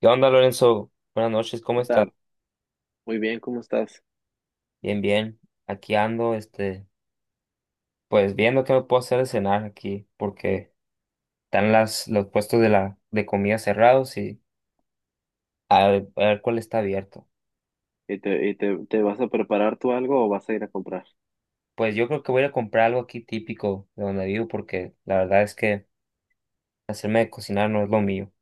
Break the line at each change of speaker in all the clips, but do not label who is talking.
¿Qué onda, Lorenzo? Buenas noches, ¿cómo
¿Qué
estás?
tal? Muy bien, ¿cómo estás?
Bien, bien. Aquí ando, pues viendo qué me puedo hacer de cenar aquí, porque están los puestos de de comida cerrados y a ver cuál está abierto.
¿Y te vas a preparar tú algo o vas a ir a comprar?
Pues yo creo que voy a ir a comprar algo aquí típico de donde vivo, porque la verdad es que hacerme de cocinar no es lo mío.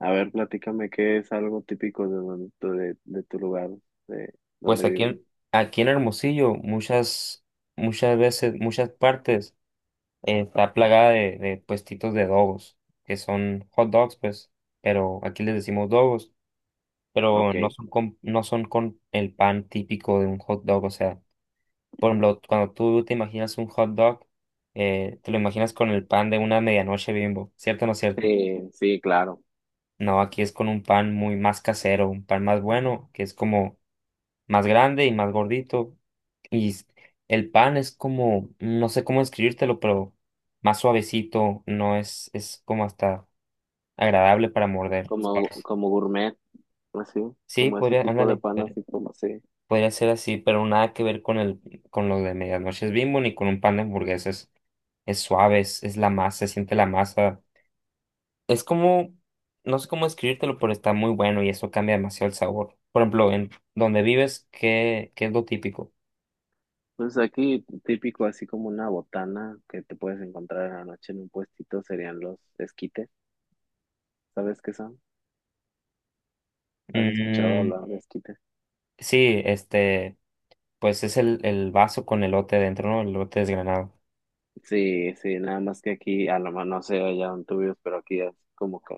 A ver, platícame qué es algo típico de tu lugar, de
Pues
donde
aquí
vives.
en, aquí en Hermosillo, muchas veces, muchas partes, está plagada de puestitos de dogos, que son hot dogs, pues, pero aquí les decimos dogos, pero
Ok.
no son con el pan típico de un hot dog. O sea, por ejemplo, cuando tú te imaginas un hot dog, te lo imaginas con el pan de una medianoche Bimbo, ¿cierto o no es cierto?
Sí, sí, claro.
No, aquí es con un pan muy más casero, un pan más bueno, que es como más grande y más gordito. Y s- el pan es como, no sé cómo describírtelo, pero más suavecito, no es, es como hasta agradable para morder.
Como, como gourmet, así,
Sí,
como ese
podría,
tipo de
ándale.
pan, así como así.
Podría ser así, pero nada que ver con con lo de medianoche es Bimbo ni con un pan de hamburguesas. Es suave, es la masa, se siente la masa. Es como, no sé cómo escribírtelo, pero está muy bueno y eso cambia demasiado el sabor. Por ejemplo, en donde vives, ¿qué es lo típico?
Pues aquí típico, así como una botana que te puedes encontrar en la noche en un puestito, serían los esquites. ¿Sabes qué son? ¿Has escuchado
Mm,
hablar de esquites?
sí, este, pues es el vaso con elote dentro, ¿no? El elote desgranado.
Sí, sí, nada más que aquí, a lo mejor no sé allá en tuyos, pero aquí es como que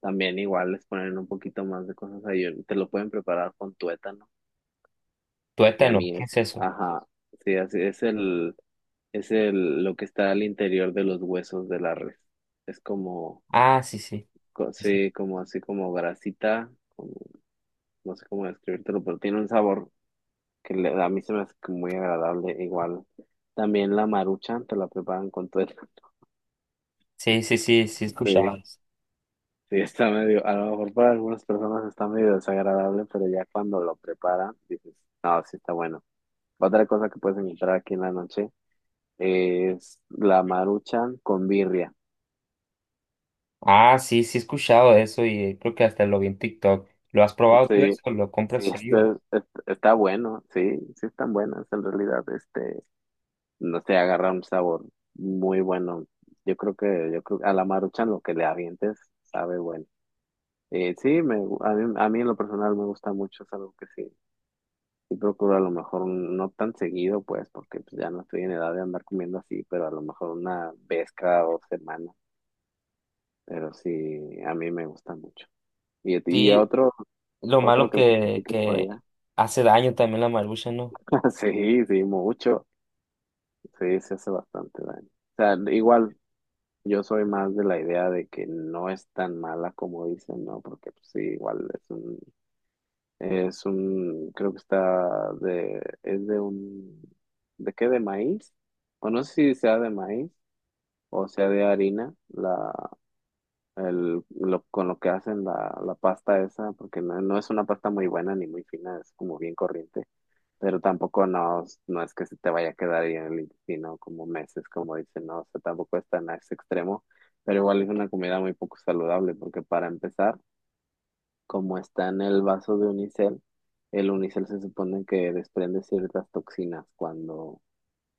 también igual les ponen un poquito más de cosas ahí, te lo pueden preparar con tuétano, y a
Tuétano,
mí
¿qué
es,
es eso?
ajá, sí, así es es el, lo que está al interior de los huesos de la res, es como,
Ah, sí, sí. Sí,
sí, como así como grasita, como, no sé cómo describírtelo, pero tiene un sabor a mí se me hace que muy agradable, igual, también la maruchan te la preparan con tuétano,
sí, sí, sí, sí, sí he escuchado.
sí. Sí, está medio, a lo mejor para algunas personas está medio desagradable, pero ya cuando lo preparan, dices, no, sí está bueno. Otra cosa que puedes encontrar aquí en la noche es la maruchan con birria.
Ah, sí, sí he escuchado eso y creo que hasta lo vi en TikTok. ¿Lo has probado tú
Sí,
eso? ¿Lo compras seguido?
está bueno, sí, sí están buenas en realidad, no sé, agarra un sabor muy bueno. Yo creo a la maruchan lo que le avientes sabe bueno. A mí en lo personal me gusta mucho, es algo que sí. Y procuro a lo mejor no tan seguido, pues, porque pues, ya no estoy en edad de andar comiendo así, pero a lo mejor una vez cada dos semanas. Pero sí, a mí me gusta mucho. Y, a ti- y a
Sí,
otro,
lo
otro
malo
que me critiques por
que
allá.
hace daño también la marucha, ¿no?
Sí, sí, mucho. Sí, se hace bastante daño. O sea, igual yo soy más de la idea de que no es tan mala como dicen, ¿no? Porque pues, sí, igual es un, creo que es de un, ¿de qué? ¿De maíz? O no sé si sea de maíz o sea de harina, con lo que hacen la pasta esa, porque no, no es una pasta muy buena ni muy fina, es como bien corriente, pero tampoco no, no es que se te vaya a quedar ahí en el intestino como meses, como dicen, no, o sea, tampoco es tan a ese extremo, pero igual es una comida muy poco saludable, porque para empezar, como está en el vaso de unicel, el unicel se supone que desprende ciertas toxinas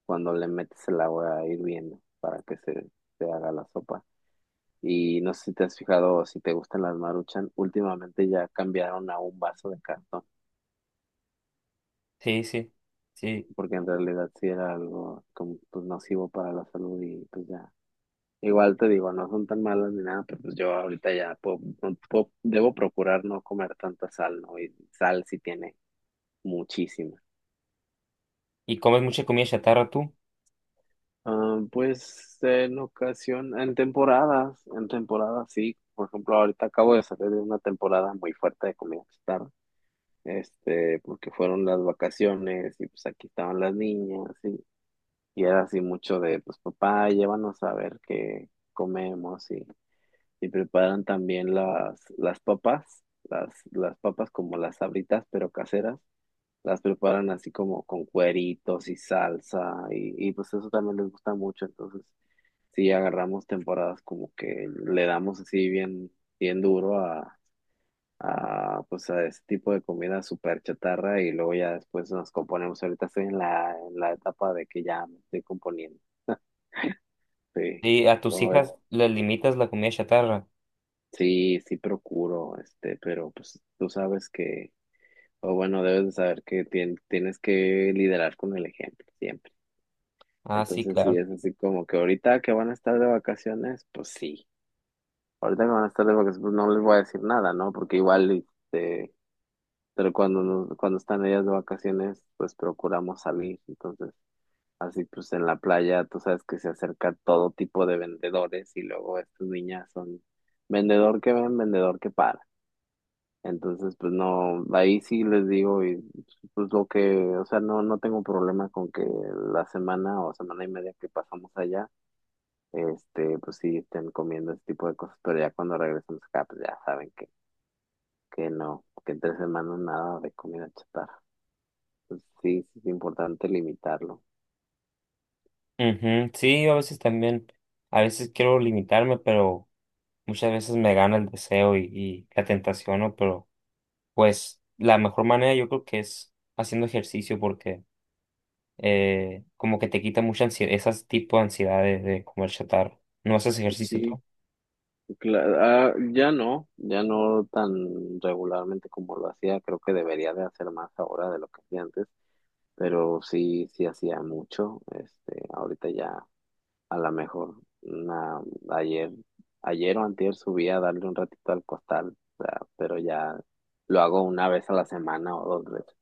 cuando le metes el agua hirviendo para que se haga la sopa. Y no sé si te has fijado o si te gustan las Maruchan, últimamente ya cambiaron a un vaso de cartón,
Sí, sí, sí.
porque en realidad sí era algo como pues nocivo para la salud y pues ya. Igual te digo, no son tan malas ni nada, pero pues yo ahorita debo procurar no comer tanta sal, ¿no? Y sal sí tiene muchísima.
¿Y comes mucha comida chatarra tú?
Ah, pues en ocasión, en temporadas sí. Por ejemplo, ahorita acabo de salir de una temporada muy fuerte de comida porque fueron las vacaciones y pues aquí estaban las niñas y era así mucho de, pues papá, llévanos a ver qué comemos y preparan también las papas, las papas como las sabritas pero caseras, las preparan así como con cueritos y salsa y pues eso también les gusta mucho, entonces sí agarramos temporadas como que le damos así bien, bien duro a, pues a ese tipo de comida súper chatarra y luego ya después nos componemos. Ahorita estoy en en la etapa de que ya me estoy componiendo. Sí,
Sí, a tus
¿cómo ves?
hijas les limitas la comida chatarra.
Sí, sí procuro, pero pues tú sabes o bueno, debes de saber que tienes que liderar con el ejemplo siempre.
Ah, sí,
Entonces, sí,
claro.
es así como que ahorita que van a estar de vacaciones, pues sí. Ahorita que van a estar de vacaciones, pues no les voy a decir nada, ¿no? Porque igual, este, pero cuando están ellas de vacaciones, pues procuramos salir. Entonces, así pues en la playa, tú sabes que se acerca todo tipo de vendedores y luego estas niñas son vendedor que ven, vendedor que para. Entonces, pues no, ahí sí les digo, y pues lo que, o sea, no, no tengo problema con que la semana o semana y media que pasamos allá, pues sí estén comiendo ese tipo de cosas, pero ya cuando regresamos acá, pues ya saben que no, que en tres semanas nada de comida chatarra. Sí, sí es importante limitarlo.
Ujú, sí, yo a veces también, a veces quiero limitarme, pero muchas veces me gana el deseo y la tentación, ¿no? Pero pues la mejor manera yo creo que es haciendo ejercicio porque como que te quita mucha ansiedad, esas tipo de ansiedades de comer chatarra. ¿No haces ejercicio tú?
Sí, ya no, ya no tan regularmente como lo hacía, creo que debería de hacer más ahora de lo que hacía antes, pero sí, sí hacía mucho, ahorita ya a lo mejor una, ayer, ayer o antier subí a darle un ratito al costal, o sea, pero ya lo hago una vez a la semana o dos veces,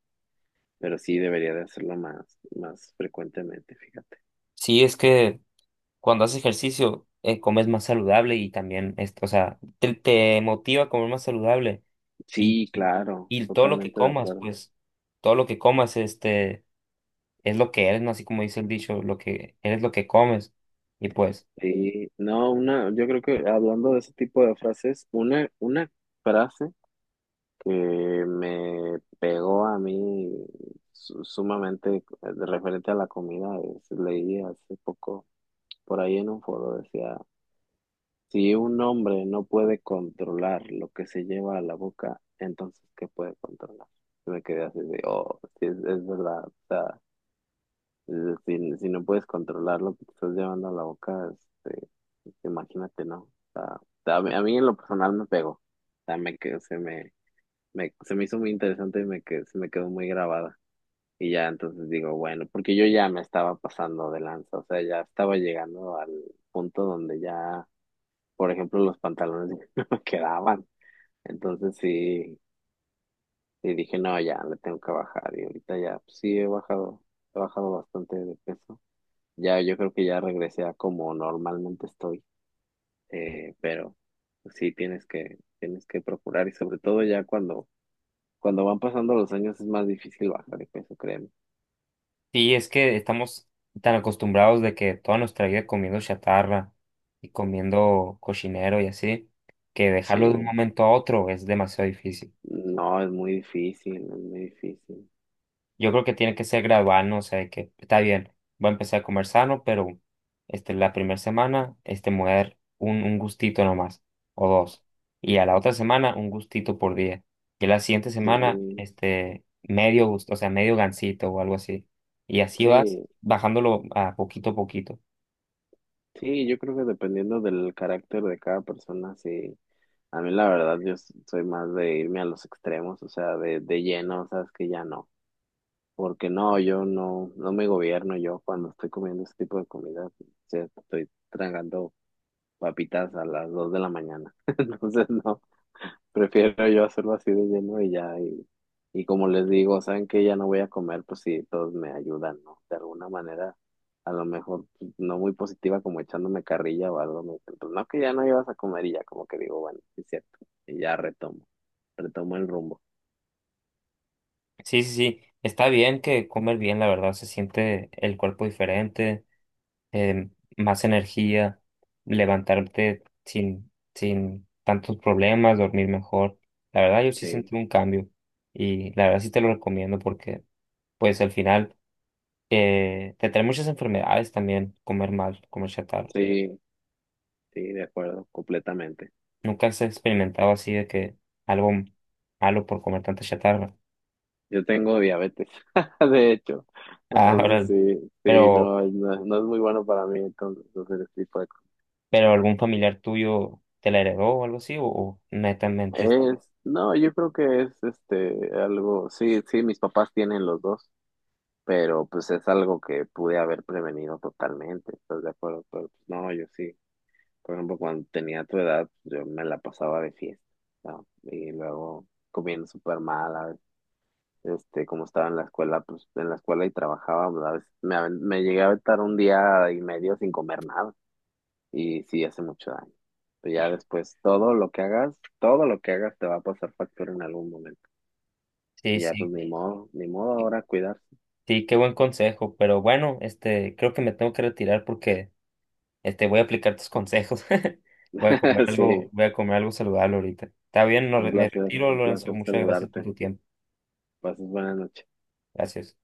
pero sí debería de hacerlo más, más frecuentemente, fíjate.
Sí, es que cuando haces ejercicio, comes más saludable y también, o sea, te motiva a comer más saludable y,
Sí, claro,
y todo lo que
totalmente de
comas,
acuerdo.
pues, todo lo que comas, es lo que eres, ¿no? Así como dice el dicho, lo que eres lo que comes. Y pues...
Sí, no, una, yo creo que hablando de ese tipo de frases, una frase que me pegó a mí sumamente referente a la comida, leí hace poco por ahí en un foro, decía, si un hombre no puede controlar lo que se lleva a la boca, entonces ¿qué puede controlar? Y me quedé así de, oh, sí, es verdad, si, si no puedes controlar lo que te estás llevando a la boca, imagínate, ¿no? O sea, a mí en lo personal me pegó. O sea, me, que- se me, me- se me hizo muy interesante y se me quedó muy grabada. Y ya entonces digo, bueno, porque yo ya me estaba pasando de lanza, o sea, ya estaba llegando al punto donde ya, por ejemplo, los pantalones no me quedaban. Entonces sí, y dije, no, ya le tengo que bajar. Y ahorita ya, pues, sí he bajado bastante de peso. Ya, yo creo que ya regresé a como normalmente estoy, pero sí tienes que procurar y sobre todo ya cuando van pasando los años es más difícil bajar de peso, créeme.
Sí, es que estamos tan acostumbrados de que toda nuestra vida comiendo chatarra y comiendo cochinero y así, que dejarlo de un
Sí,
momento a otro es demasiado difícil.
no, es muy difícil, es muy difícil.
Yo creo que tiene que ser gradual, ¿no? O sea, de que está bien, voy a empezar a comer sano, pero este, la primera semana este, me voy a dar un gustito nomás, o dos. Y a la otra semana un gustito por día. Y a la siguiente semana,
Sí,
medio gusto, o sea, medio gansito o algo así. Y así vas
sí,
bajándolo a poquito a poquito.
sí, yo creo que dependiendo del carácter de cada persona, sí. A mí la verdad, soy más de irme a los extremos, o sea, de lleno, sabes que ya no. Porque no, yo no, no me gobierno yo cuando estoy comiendo ese tipo de comida. O sea, estoy tragando papitas a las 2 de la mañana. Entonces, no, prefiero yo hacerlo así de lleno y ya. Y como les digo, saben que ya no voy a comer, pues sí, todos me ayudan, ¿no? De alguna manera, a lo mejor pues, no muy positiva, como echándome carrilla o algo. Me dicen, pues no, que ya no ibas a comer y ya como que digo, bueno, sí es cierto. Y ya retomo, retomo el rumbo.
Sí, sí, sí. Está bien que comer bien, la verdad. Se siente el cuerpo diferente, eh, más energía, levantarte sin, sin tantos problemas, dormir mejor. La verdad, yo sí
Sí,
sentí un cambio y la verdad sí te lo recomiendo porque, pues, al final te trae muchas enfermedades también comer mal, comer chatarra.
sí, sí, de acuerdo, completamente.
Nunca has experimentado así de que algo malo por comer tanta chatarra.
Yo tengo diabetes, de hecho.
Ah, ahora,
Entonces
sí.
sí, sí, no,
Pero
no, no es muy bueno para mí entonces hacer este tipo de cosas.
¿pero algún familiar tuyo te la heredó o algo así? O netamente?
No, yo creo que es este algo, sí, sí, mis papás tienen los dos, pero pues es algo que pude haber prevenido totalmente, ¿estás de acuerdo? Pero pues, no, yo sí. Por ejemplo, cuando tenía tu edad, yo me la pasaba de fiesta, ¿no? Y luego comiendo súper mal, como estaba en la escuela, pues en la escuela y trabajaba, pues, a veces me llegué a aventar un día y medio sin comer nada y sí hace mucho daño. Pero ya después todo lo que hagas, todo lo que hagas te va a pasar factura en algún momento.
Sí,
Y ya pues
sí,
ni modo, ni modo ahora cuidarse.
sí, qué buen consejo. Pero bueno, creo que me tengo que retirar porque este, voy a aplicar tus consejos. Voy a comer algo,
Sí,
voy a comer algo saludable ahorita. Está bien, no, me retiro,
un
Lorenzo.
placer
Muchas gracias por
saludarte.
tu tiempo.
Pases buenas noches.
Gracias.